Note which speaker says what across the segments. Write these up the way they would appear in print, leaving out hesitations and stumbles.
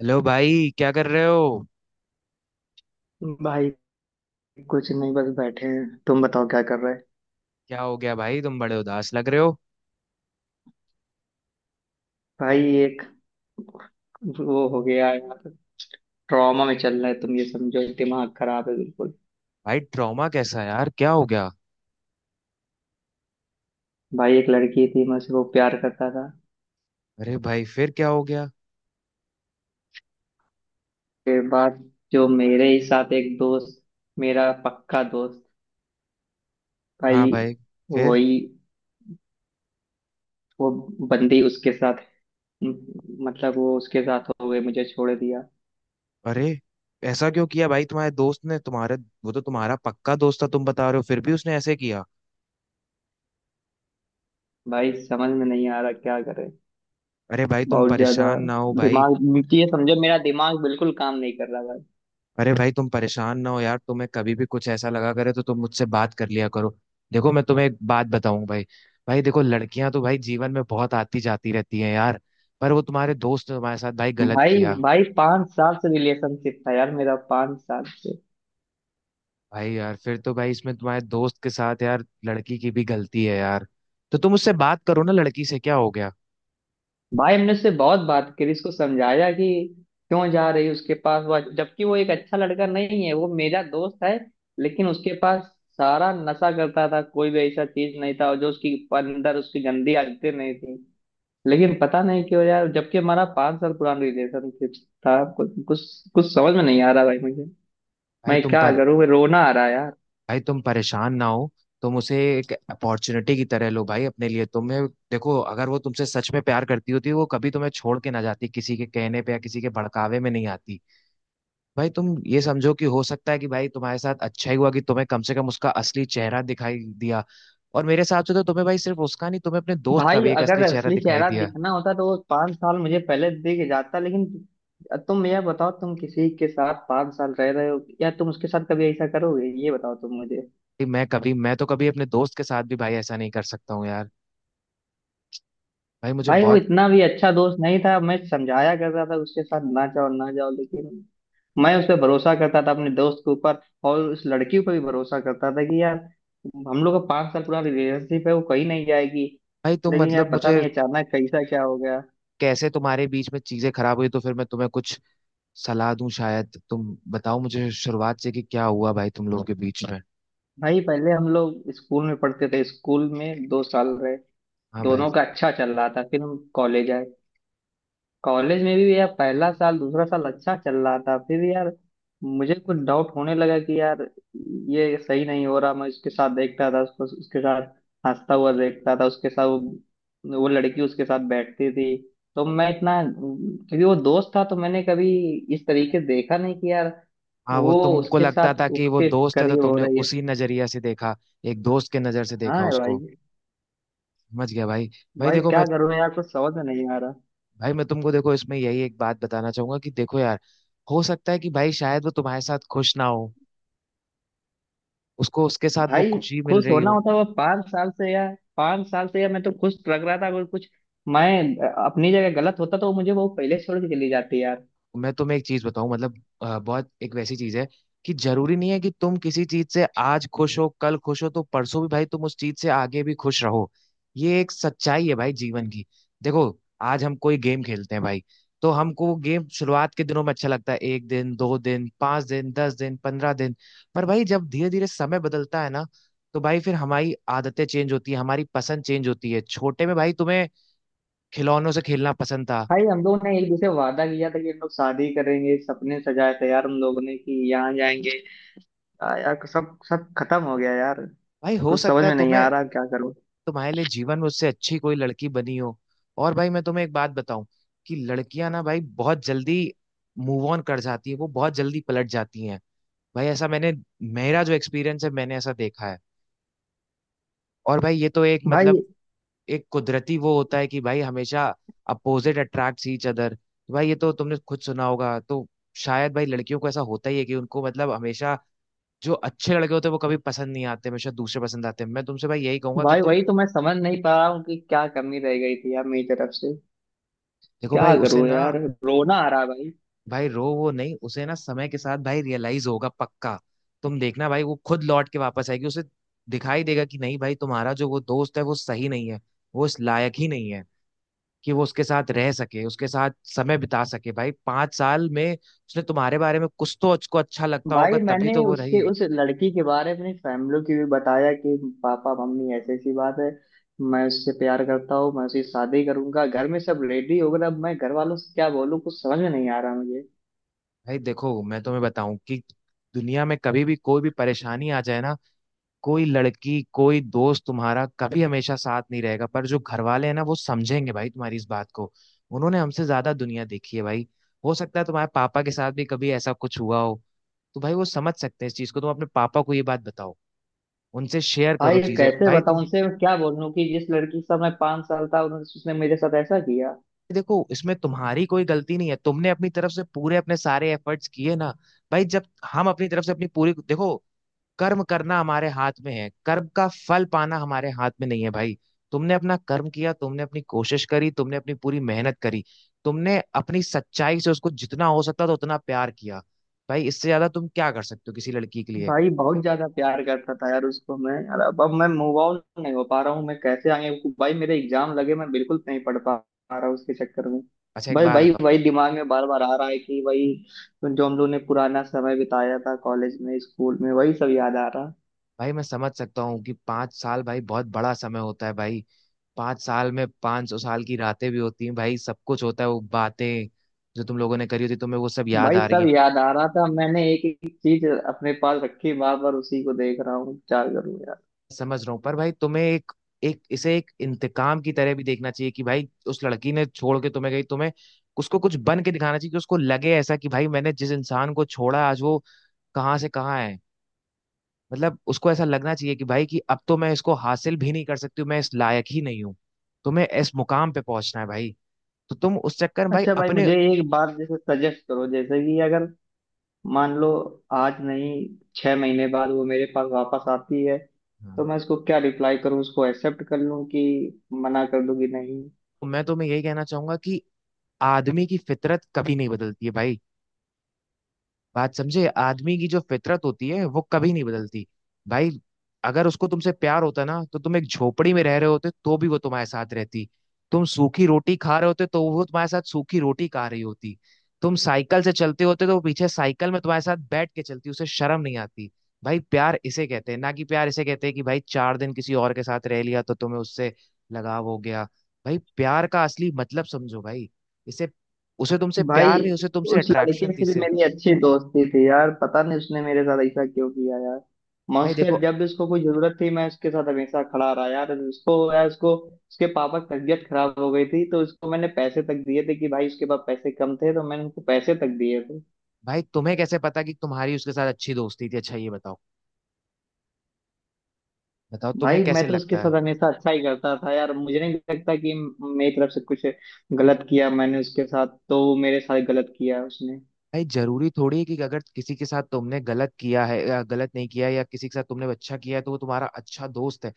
Speaker 1: Hello भाई, क्या कर रहे हो?
Speaker 2: भाई कुछ नहीं, बस बैठे हैं। तुम बताओ क्या कर रहे हैं।
Speaker 1: क्या हो गया भाई? तुम बड़े उदास लग रहे हो।
Speaker 2: भाई, एक वो हो गया है। ट्रॉमा में चल रहा है, तुम ये समझो, दिमाग खराब है बिल्कुल।
Speaker 1: भाई, ट्रॉमा कैसा है यार? क्या हो गया?
Speaker 2: भाई, एक लड़की थी, मैं उससे वो प्यार करता था।
Speaker 1: अरे भाई, फिर क्या हो गया?
Speaker 2: फिर बाद, जो मेरे ही साथ एक दोस्त, मेरा पक्का दोस्त,
Speaker 1: हाँ
Speaker 2: भाई
Speaker 1: भाई। फिर?
Speaker 2: वही, वो बंदी उसके साथ, मतलब वो उसके साथ हो गई, मुझे छोड़ दिया।
Speaker 1: अरे, ऐसा क्यों किया भाई तुम्हारे दोस्त ने तुम्हारे? वो तो तुम्हारा पक्का दोस्त था तुम बता रहे हो, फिर भी उसने ऐसे किया।
Speaker 2: भाई समझ में नहीं आ रहा क्या करे।
Speaker 1: अरे भाई, तुम
Speaker 2: बहुत ज्यादा
Speaker 1: परेशान ना हो भाई।
Speaker 2: दिमाग, ये समझो मेरा दिमाग बिल्कुल काम नहीं कर रहा।
Speaker 1: अरे भाई, तुम परेशान ना हो यार। तुम्हें कभी भी कुछ ऐसा लगा करे तो तुम मुझसे बात कर लिया करो। देखो, मैं तुम्हें एक बात बताऊं भाई। भाई देखो, लड़कियां तो भाई जीवन में बहुत आती जाती रहती हैं यार। पर वो तुम्हारे दोस्त ने तुम्हारे साथ भाई गलत
Speaker 2: भाई
Speaker 1: किया।
Speaker 2: भाई 5 साल से रिलेशनशिप था यार मेरा, 5 साल से।
Speaker 1: भाई यार, फिर तो भाई इसमें तुम्हारे दोस्त के साथ यार लड़की की भी गलती है यार। तो तुम उससे बात करो ना लड़की से, क्या हो गया?
Speaker 2: भाई हमने उससे बहुत बात करी, उसको समझाया कि क्यों जा रही है उसके पास, वो जबकि वो एक अच्छा लड़का नहीं है, वो मेरा दोस्त है। लेकिन उसके पास सारा नशा करता था, कोई भी ऐसा चीज नहीं था और जो उसकी अंदर उसकी गंदी आदतें नहीं थी। लेकिन पता नहीं क्यों यार, जबकि हमारा 5 साल पुराना रिलेशनशिप था। कुछ कुछ कुछ समझ में नहीं आ रहा भाई मुझे।
Speaker 1: भाई
Speaker 2: मैं
Speaker 1: तुम
Speaker 2: क्या
Speaker 1: पर
Speaker 2: करूँ, रोना आ रहा है।
Speaker 1: भाई, तुम परेशान ना हो। तुम उसे एक अपॉर्चुनिटी की तरह लो भाई, अपने लिए। तुम्हें देखो, अगर वो तुमसे सच में प्यार करती होती वो कभी तुम्हें छोड़ के ना जाती, किसी के कहने पे या किसी के भड़कावे में नहीं आती। भाई तुम ये समझो कि हो सकता है कि भाई तुम्हारे साथ अच्छा ही हुआ कि तुम्हें कम से कम उसका असली चेहरा दिखाई दिया। और मेरे हिसाब से तो तुम्हें भाई सिर्फ उसका नहीं, तुम्हें अपने दोस्त का
Speaker 2: भाई
Speaker 1: भी एक
Speaker 2: अगर
Speaker 1: असली चेहरा
Speaker 2: असली
Speaker 1: दिखाई
Speaker 2: चेहरा
Speaker 1: दिया।
Speaker 2: दिखना होता तो वो 5 साल मुझे पहले दिख जाता। लेकिन तुम यह बताओ, तुम किसी के साथ 5 साल रह रहे हो या तुम उसके साथ कभी ऐसा करोगे? ये बताओ तुम मुझे।
Speaker 1: भाई मैं तो कभी अपने दोस्त के साथ भी भाई ऐसा नहीं कर सकता हूँ यार। भाई मुझे
Speaker 2: भाई वो
Speaker 1: बहुत।
Speaker 2: इतना भी अच्छा दोस्त नहीं था, मैं समझाया करता था उसके साथ ना जाओ ना जाओ, लेकिन मैं उस पर भरोसा करता था, अपने दोस्त के ऊपर। और उस लड़की पर भी भरोसा करता था कि यार, हम लोग का 5 साल पूरा रिलेशनशिप है, वो कहीं नहीं जाएगी।
Speaker 1: भाई तुम
Speaker 2: लेकिन यार
Speaker 1: मतलब
Speaker 2: पता
Speaker 1: मुझे
Speaker 2: नहीं अचानक कैसा क्या हो गया।
Speaker 1: कैसे तुम्हारे बीच में चीजें खराब हुई, तो फिर मैं तुम्हें कुछ सलाह दूं, शायद तुम बताओ मुझे शुरुआत से कि क्या हुआ भाई तुम लोगों के बीच में।
Speaker 2: भाई पहले हम लोग स्कूल में पढ़ते थे, स्कूल में 2 साल रहे,
Speaker 1: हाँ भाई।
Speaker 2: दोनों का अच्छा चल रहा था। फिर हम कॉलेज आए, कॉलेज में भी यार पहला साल दूसरा साल अच्छा चल रहा था। फिर यार मुझे कुछ डाउट होने लगा कि यार ये सही नहीं हो रहा। मैं उसके साथ देखता था उसको, उसके साथ हंसता हुआ देखता था, उसके साथ वो लड़की उसके साथ बैठती थी। तो मैं इतना, क्योंकि वो दोस्त था तो मैंने कभी इस तरीके देखा नहीं कि यार
Speaker 1: हाँ, वो
Speaker 2: वो
Speaker 1: तुमको
Speaker 2: उसके
Speaker 1: लगता था
Speaker 2: साथ
Speaker 1: कि वो
Speaker 2: उसके
Speaker 1: दोस्त है तो
Speaker 2: करीब हो
Speaker 1: तुमने
Speaker 2: रही है।
Speaker 1: उसी नजरिया से देखा, एक दोस्त के नजर से
Speaker 2: हाँ
Speaker 1: देखा
Speaker 2: भाई।
Speaker 1: उसको। समझ गया भाई। भाई
Speaker 2: भाई
Speaker 1: देखो मैं
Speaker 2: क्या करूं यार, कुछ समझ में नहीं आ रहा।
Speaker 1: भाई, मैं तुमको देखो, इसमें यही एक बात बताना चाहूंगा कि देखो यार, हो सकता है कि भाई शायद वो तुम्हारे साथ खुश ना हो, उसको उसके साथ वो
Speaker 2: भाई
Speaker 1: खुशी मिल
Speaker 2: खुश
Speaker 1: रही
Speaker 2: होना
Speaker 1: हो।
Speaker 2: होता है वो? 5 साल से यार, 5 साल से यार मैं तो खुश लग रहा था। अगर कुछ मैं अपनी जगह गलत होता तो मुझे वो पहले छोड़ के चली जाती यार।
Speaker 1: मैं तुम्हें एक चीज बताऊं, मतलब बहुत एक वैसी चीज है कि जरूरी नहीं है कि तुम किसी चीज से आज खुश हो कल खुश हो तो परसों भी भाई तुम उस चीज से आगे भी खुश रहो। ये एक सच्चाई है भाई जीवन की। देखो, आज हम कोई गेम खेलते हैं भाई, तो हमको वो गेम शुरुआत के दिनों में अच्छा लगता है, एक दिन 2 दिन 5 दिन 10 दिन 15 दिन। पर भाई जब धीरे धीरे समय बदलता है ना, तो भाई फिर हमारी आदतें चेंज होती है, हमारी पसंद चेंज होती है। छोटे में भाई तुम्हें खिलौनों से खेलना पसंद था।
Speaker 2: भाई हम लोगों ने एक दूसरे वादा किया था कि हम लोग शादी करेंगे, सपने सजाए थे यार हम लोगों ने कि यहाँ जाएंगे। यार सब सब खत्म हो गया यार।
Speaker 1: भाई हो
Speaker 2: कुछ समझ
Speaker 1: सकता है
Speaker 2: में नहीं
Speaker 1: तुम्हें,
Speaker 2: आ रहा क्या करूं
Speaker 1: तुम्हारे लिए जीवन में उससे अच्छी कोई लड़की बनी हो। और भाई मैं तुम्हें एक बात बताऊं कि लड़कियां ना भाई बहुत जल्दी मूव ऑन कर जाती है, वो बहुत जल्दी पलट जाती हैं। भाई ऐसा मैंने, मेरा जो एक्सपीरियंस है मैंने ऐसा देखा है। और भाई ये तो एक मतलब
Speaker 2: भाई।
Speaker 1: एक कुदरती वो होता है कि भाई हमेशा अपोजिट अट्रैक्ट्स ईच अदर। भाई ये तो तुमने खुद सुना होगा। तो शायद भाई लड़कियों को ऐसा होता ही है कि उनको मतलब हमेशा जो अच्छे लड़के होते हैं वो कभी पसंद नहीं आते, हमेशा दूसरे पसंद आते हैं। मैं तुमसे भाई यही कहूंगा कि
Speaker 2: भाई
Speaker 1: तुम
Speaker 2: वही तो मैं समझ नहीं पा रहा हूँ कि क्या कमी रह गई थी यार मेरी तरफ से।
Speaker 1: देखो
Speaker 2: क्या
Speaker 1: भाई उसे
Speaker 2: करूं
Speaker 1: ना,
Speaker 2: यार, रोना आ रहा है भाई।
Speaker 1: भाई रो वो नहीं, उसे ना समय के साथ भाई रियलाइज होगा पक्का। तुम देखना भाई वो खुद लौट के वापस आएगी, उसे दिखाई देगा कि नहीं भाई, तुम्हारा जो वो दोस्त है वो सही नहीं है, वो इस लायक ही नहीं है कि वो उसके साथ रह सके, उसके साथ समय बिता सके। भाई पांच साल में उसने तुम्हारे बारे में, कुछ तो उसको अच्छा लगता होगा
Speaker 2: भाई
Speaker 1: तभी
Speaker 2: मैंने
Speaker 1: तो वो
Speaker 2: उसके,
Speaker 1: रही।
Speaker 2: उस लड़की के बारे में अपनी फैमिली की भी बताया कि पापा मम्मी ऐसी ऐसी बात है, मैं उससे प्यार करता हूँ, मैं उसकी शादी करूंगा। घर में सब रेडी हो गए, अब मैं घर वालों से क्या बोलूँ, कुछ समझ में नहीं आ रहा मुझे।
Speaker 1: भाई देखो, मैं तुम्हें बताऊं कि दुनिया में कभी भी कोई भी परेशानी आ जाए ना, कोई लड़की कोई दोस्त तुम्हारा कभी हमेशा साथ नहीं रहेगा, पर जो घर वाले हैं ना वो समझेंगे भाई तुम्हारी इस बात को। उन्होंने हमसे ज्यादा दुनिया देखी है भाई। हो सकता है तुम्हारे पापा के साथ भी कभी ऐसा कुछ हुआ हो, तो भाई वो समझ सकते हैं इस चीज को। तुम अपने पापा को ये बात बताओ, उनसे शेयर करो
Speaker 2: भाई
Speaker 1: चीजें
Speaker 2: कैसे
Speaker 1: भाई
Speaker 2: बताऊं
Speaker 1: तुम।
Speaker 2: उनसे, मैं क्या बोलूं कि जिस लड़की से मैं 5 साल था उन्होंने, उसने मेरे साथ ऐसा किया।
Speaker 1: देखो, इसमें तुम्हारी कोई गलती नहीं है, तुमने अपनी तरफ से पूरे अपने सारे एफर्ट्स किए ना। भाई जब हम अपनी तरफ से अपनी पूरी देखो, कर्म करना हमारे हाथ में है, कर्म का फल पाना हमारे हाथ में नहीं है भाई। तुमने अपना कर्म किया, तुमने अपनी कोशिश करी, तुमने अपनी पूरी मेहनत करी, तुमने अपनी सच्चाई से उसको जितना हो सकता था उतना प्यार किया। भाई इससे ज्यादा तुम क्या कर सकते हो किसी लड़की के लिए?
Speaker 2: भाई बहुत ज्यादा प्यार करता था यार उसको मैं यार, अब मैं मूव ऑन नहीं हो पा रहा हूँ, मैं कैसे आगे? भाई मेरे एग्जाम लगे, मैं बिल्कुल नहीं पढ़ पा पा रहा उसके चक्कर में।
Speaker 1: अच्छा एक
Speaker 2: भाई
Speaker 1: बात
Speaker 2: भाई
Speaker 1: बताओ।
Speaker 2: वही दिमाग में बार बार आ रहा है कि वही जो हम लोग ने पुराना समय बिताया था कॉलेज में स्कूल में, वही सब याद आ रहा।
Speaker 1: भाई मैं समझ सकता हूँ कि 5 साल भाई बहुत बड़ा समय होता है भाई। 5 साल में 500 साल की रातें भी होती हैं भाई, सब कुछ होता है। वो बातें जो तुम लोगों ने करी होती तुम्हें वो सब याद
Speaker 2: भाई
Speaker 1: आ रही
Speaker 2: सब
Speaker 1: है।
Speaker 2: याद आ रहा था, मैंने एक एक चीज अपने पास रखी, बार बार उसी को देख रहा हूँ, क्या करूँ यार।
Speaker 1: समझ रहा हूँ, पर भाई तुम्हें एक एक इसे एक इंतकाम की तरह भी देखना चाहिए कि भाई उस लड़की ने छोड़ के तुम्हें गई तुम्हें, उसको कुछ बन के दिखाना चाहिए कि उसको लगे ऐसा कि भाई मैंने जिस इंसान को छोड़ा आज वो कहाँ से कहाँ है। मतलब उसको ऐसा लगना चाहिए कि भाई कि अब तो मैं इसको हासिल भी नहीं कर सकती हूँ, मैं इस लायक ही नहीं हूँ। तुम्हें इस मुकाम पे पहुंचना है भाई। तो तुम उस चक्कर में भाई
Speaker 2: अच्छा भाई
Speaker 1: अपने।
Speaker 2: मुझे एक बात जैसे सजेस्ट करो, जैसे कि अगर मान लो आज नहीं, 6 महीने बाद वो मेरे पास वापस आती है,
Speaker 1: हाँ।
Speaker 2: तो मैं उसको क्या रिप्लाई करूं? उसको एक्सेप्ट कर लूं कि मना कर दूं कि नहीं?
Speaker 1: मैं तुम्हें यही कहना चाहूंगा कि आदमी की फितरत कभी नहीं बदलती है भाई। बात समझे, आदमी की जो फितरत होती है वो कभी नहीं बदलती भाई। अगर उसको तुमसे प्यार होता ना तो तुम एक झोपड़ी में रह रहे होते तो भी वो तुम्हारे साथ रहती, तुम सूखी रोटी खा रहे होते तो वो तुम्हारे साथ सूखी रोटी खा रही होती, तुम साइकिल से चलते होते तो वो पीछे साइकिल में तुम्हारे साथ बैठ के चलती, उसे शर्म नहीं आती। भाई प्यार इसे कहते हैं ना, कि प्यार इसे कहते हैं कि भाई 4 दिन किसी और के साथ रह लिया तो तुम्हें उससे लगाव हो गया। भाई प्यार का असली मतलब समझो भाई इसे उसे तुमसे
Speaker 2: भाई
Speaker 1: प्यार नहीं, उसे तुमसे
Speaker 2: उस लड़के
Speaker 1: अट्रैक्शन थी
Speaker 2: से भी
Speaker 1: सिर्फ।
Speaker 2: मेरी अच्छी दोस्ती थी यार, पता नहीं उसने मेरे साथ ऐसा क्यों किया यार। मैं
Speaker 1: भाई
Speaker 2: उसके,
Speaker 1: देखो,
Speaker 2: जब भी उसको कोई जरूरत थी मैं उसके साथ हमेशा खड़ा रहा यार। उसको यार, उसको, उसके पापा की तबीयत खराब हो गई थी तो उसको मैंने पैसे तक दिए थे, कि भाई उसके पास पैसे कम थे तो मैंने उसको पैसे तक दिए थे।
Speaker 1: भाई तुम्हें कैसे पता कि तुम्हारी उसके साथ अच्छी दोस्ती थी? अच्छा ये बताओ, बताओ तुम्हें
Speaker 2: भाई मैं
Speaker 1: कैसे
Speaker 2: तो उसके
Speaker 1: लगता
Speaker 2: साथ
Speaker 1: है?
Speaker 2: हमेशा अच्छा ही करता था यार, मुझे नहीं लगता कि मेरी तरफ से कुछ गलत किया मैंने उसके साथ, तो वो मेरे साथ गलत किया उसने।
Speaker 1: भाई जरूरी थोड़ी है कि अगर किसी के साथ तुमने गलत किया है या गलत नहीं किया है, या किसी के साथ तुमने अच्छा किया है तो वो तुम्हारा अच्छा दोस्त है।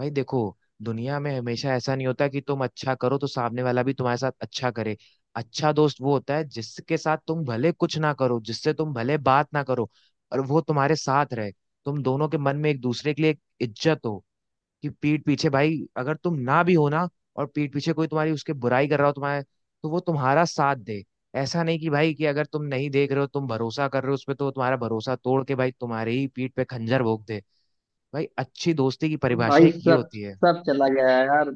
Speaker 1: भाई देखो, दुनिया में हमेशा ऐसा नहीं होता कि तुम अच्छा करो तो सामने वाला भी तुम्हारे साथ अच्छा करे। अच्छा दोस्त वो होता है जिसके साथ तुम भले कुछ ना करो, जिससे तुम भले बात ना करो और वो तुम्हारे साथ रहे, तुम दोनों के मन में एक दूसरे के लिए एक इज्जत हो। कि पीठ पीछे भाई अगर तुम ना भी हो ना और पीठ पीछे कोई तुम्हारी उसके बुराई कर रहा हो तुम्हारे, तो वो तुम्हारा साथ दे। ऐसा नहीं कि भाई कि अगर तुम नहीं देख रहे हो तुम भरोसा कर रहे हो उस पे, तो वो तुम्हारा भरोसा तोड़ के भाई तुम्हारे ही पीठ पे खंजर भोंक दे। भाई अच्छी दोस्ती की परिभाषा
Speaker 2: भाई
Speaker 1: एक ये
Speaker 2: सब
Speaker 1: होती है।
Speaker 2: सब चला गया है यार,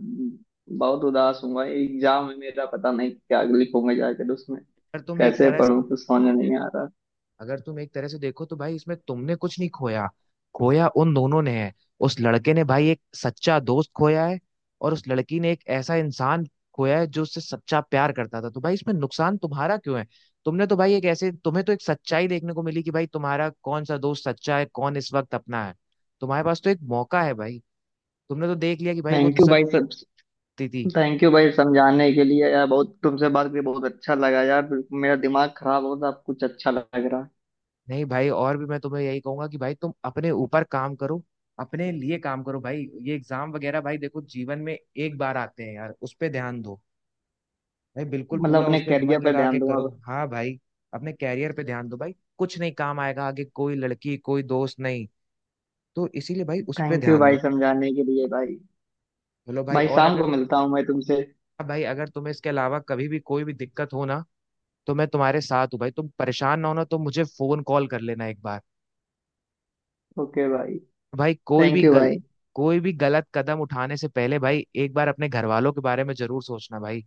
Speaker 2: बहुत उदास हूँ भाई। एग्जाम है मेरा, पता नहीं क्या लिखूंगा जाकर उसमें,
Speaker 1: अगर तुम एक
Speaker 2: कैसे
Speaker 1: तरह
Speaker 2: पढूं कुछ समझ नहीं आ रहा।
Speaker 1: अगर तुम एक तरह से देखो तो भाई इसमें तुमने कुछ नहीं खोया, खोया उन दोनों ने है। उस लड़के ने भाई एक सच्चा दोस्त खोया है और उस लड़की ने एक ऐसा इंसान खोया है जो उससे सच्चा प्यार करता था। तो भाई इसमें नुकसान तुम्हारा क्यों है? तुमने तो भाई एक ऐसे, तुम्हें तो एक सच्चाई देखने को मिली कि भाई तुम्हारा कौन सा दोस्त सच्चा है, कौन इस वक्त अपना है। तुम्हारे पास तो एक मौका है भाई। तुमने तो देख लिया कि भाई वो
Speaker 2: थैंक यू भाई, सब।
Speaker 1: सच्ची थी।
Speaker 2: थैंक यू भाई समझाने के लिए यार, बहुत, तुमसे बात करके बहुत अच्छा लगा यार। मेरा दिमाग खराब हो था, अब कुछ अच्छा लग रहा है।
Speaker 1: नहीं भाई, और भी मैं तुम्हें यही कहूंगा कि भाई तुम अपने ऊपर काम करो, अपने लिए काम करो भाई। ये एग्जाम वगैरह भाई देखो जीवन में एक बार आते हैं यार, उस पे ध्यान दो भाई, बिल्कुल
Speaker 2: मतलब
Speaker 1: पूरा उस
Speaker 2: अपने
Speaker 1: पे
Speaker 2: करियर
Speaker 1: मन
Speaker 2: पे
Speaker 1: लगा के
Speaker 2: ध्यान दूंगा।
Speaker 1: करो। हाँ भाई। अपने कैरियर पे ध्यान दो भाई, कुछ नहीं काम आएगा आगे, कोई लड़की कोई दोस्त नहीं, तो इसीलिए भाई उस पे
Speaker 2: थैंक यू
Speaker 1: ध्यान दो।
Speaker 2: भाई समझाने के लिए भाई।
Speaker 1: चलो भाई,
Speaker 2: भाई
Speaker 1: और
Speaker 2: शाम
Speaker 1: अगर,
Speaker 2: को मिलता हूँ मैं तुमसे।
Speaker 1: हाँ भाई, अगर तुम्हें इसके अलावा कभी भी कोई भी दिक्कत हो ना, तो मैं तुम्हारे साथ हूँ भाई। तुम परेशान ना होना, तो मुझे फोन कॉल कर लेना एक बार
Speaker 2: ओके भाई।
Speaker 1: भाई।
Speaker 2: थैंक यू भाई।
Speaker 1: कोई भी गलत कदम उठाने से पहले भाई एक बार अपने घर वालों के बारे में जरूर सोचना भाई।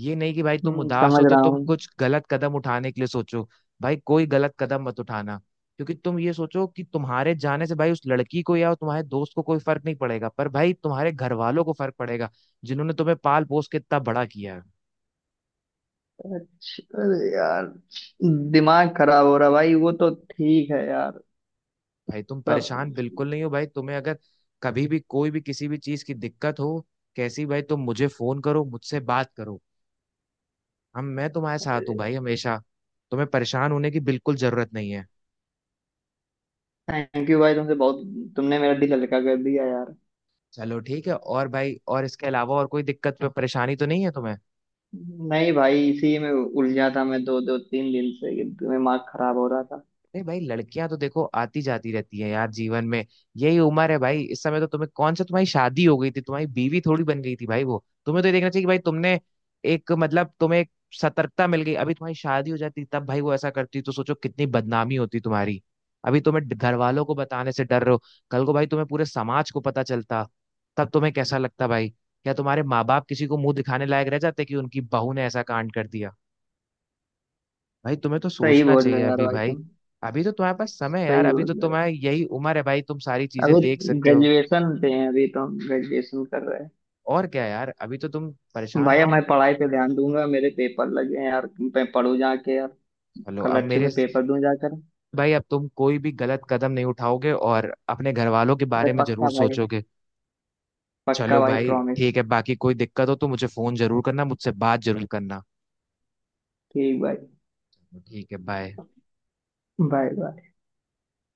Speaker 1: ये नहीं कि भाई तुम
Speaker 2: हम्म,
Speaker 1: उदास
Speaker 2: समझ
Speaker 1: हो तो
Speaker 2: रहा
Speaker 1: तुम
Speaker 2: हूँ।
Speaker 1: कुछ गलत कदम उठाने के लिए सोचो। भाई कोई गलत कदम मत उठाना, क्योंकि तुम ये सोचो कि तुम्हारे जाने से भाई उस लड़की को या तुम्हारे दोस्त को कोई फर्क नहीं पड़ेगा, पर भाई तुम्हारे घर वालों को फर्क पड़ेगा, जिन्होंने तुम्हें पाल पोस के इतना बड़ा किया है।
Speaker 2: अरे यार, दिमाग खराब हो रहा भाई, वो तो ठीक है यार।
Speaker 1: भाई तुम
Speaker 2: सब।
Speaker 1: परेशान बिल्कुल नहीं हो भाई, तुम्हें अगर कभी भी कोई भी किसी भी चीज की दिक्कत हो कैसी भाई, तुम मुझे फोन करो, मुझसे बात करो। हम मैं तुम्हारे साथ हूँ भाई हमेशा, तुम्हें परेशान होने की बिल्कुल जरूरत नहीं है।
Speaker 2: थैंक यू भाई, तुमसे बहुत, तुमने मेरा दिल हल्का कर दिया यार।
Speaker 1: चलो ठीक है, और भाई और इसके अलावा और कोई दिक्कत पे परेशानी तो नहीं है तुम्हें?
Speaker 2: नहीं भाई, इसी में उलझा था मैं दो दो तीन दिन से कि दिमाग खराब हो रहा था।
Speaker 1: अरे भाई, लड़कियां तो देखो आती जाती रहती है यार जीवन में, यही उम्र है भाई। इस समय तो तुम्हें कौन सा तुम्हारी शादी हो गई थी, तुम्हारी बीवी थोड़ी बन गई थी भाई वो। तुम्हें तो ये देखना चाहिए कि भाई तुमने एक मतलब तुम्हें एक सतर्कता मिल गई, अभी तुम्हारी शादी हो जाती तब भाई वो ऐसा करती तो सोचो कितनी बदनामी होती तुम्हारी। अभी तुम्हें घर वालों को बताने से डर रहे हो, कल को भाई तुम्हें पूरे समाज को पता चलता, तब तुम्हें कैसा लगता भाई? क्या तुम्हारे माँ बाप किसी को मुंह दिखाने लायक रह जाते कि उनकी बहू ने ऐसा कांड कर दिया? भाई तुम्हें तो
Speaker 2: सही
Speaker 1: सोचना
Speaker 2: बोल
Speaker 1: चाहिए
Speaker 2: रहे हो यार
Speaker 1: अभी
Speaker 2: भाई
Speaker 1: भाई,
Speaker 2: तुम।
Speaker 1: अभी तो तुम्हारे पास समय है यार,
Speaker 2: सही
Speaker 1: अभी
Speaker 2: बोल
Speaker 1: तो
Speaker 2: रहे
Speaker 1: तुम्हारा
Speaker 2: हो।
Speaker 1: यही उम्र है भाई, तुम सारी चीजें
Speaker 2: अभी
Speaker 1: देख सकते हो।
Speaker 2: ग्रेजुएशन पे हैं, अभी तो ग्रेजुएशन कर रहे हैं।
Speaker 1: और क्या यार, अभी तो तुम परेशान
Speaker 2: भाई
Speaker 1: ना
Speaker 2: अब
Speaker 1: हो।
Speaker 2: मैं पढ़ाई पे ध्यान दूंगा, मेरे पेपर लगे हैं यार, मैं पढ़ू जाके यार,
Speaker 1: चलो, अब
Speaker 2: कल अच्छे
Speaker 1: मेरे,
Speaker 2: से पेपर दूं जाकर।
Speaker 1: भाई अब तुम कोई भी गलत कदम नहीं उठाओगे और अपने घर वालों के
Speaker 2: अरे
Speaker 1: बारे में
Speaker 2: पक्का
Speaker 1: जरूर
Speaker 2: भाई।
Speaker 1: सोचोगे।
Speaker 2: पक्का
Speaker 1: चलो
Speaker 2: भाई,
Speaker 1: भाई
Speaker 2: प्रॉमिस।
Speaker 1: ठीक है, बाकी कोई दिक्कत हो तो मुझे फोन जरूर करना, मुझसे बात जरूर करना।
Speaker 2: ठीक भाई।
Speaker 1: ठीक है, बाय।
Speaker 2: Bye bye.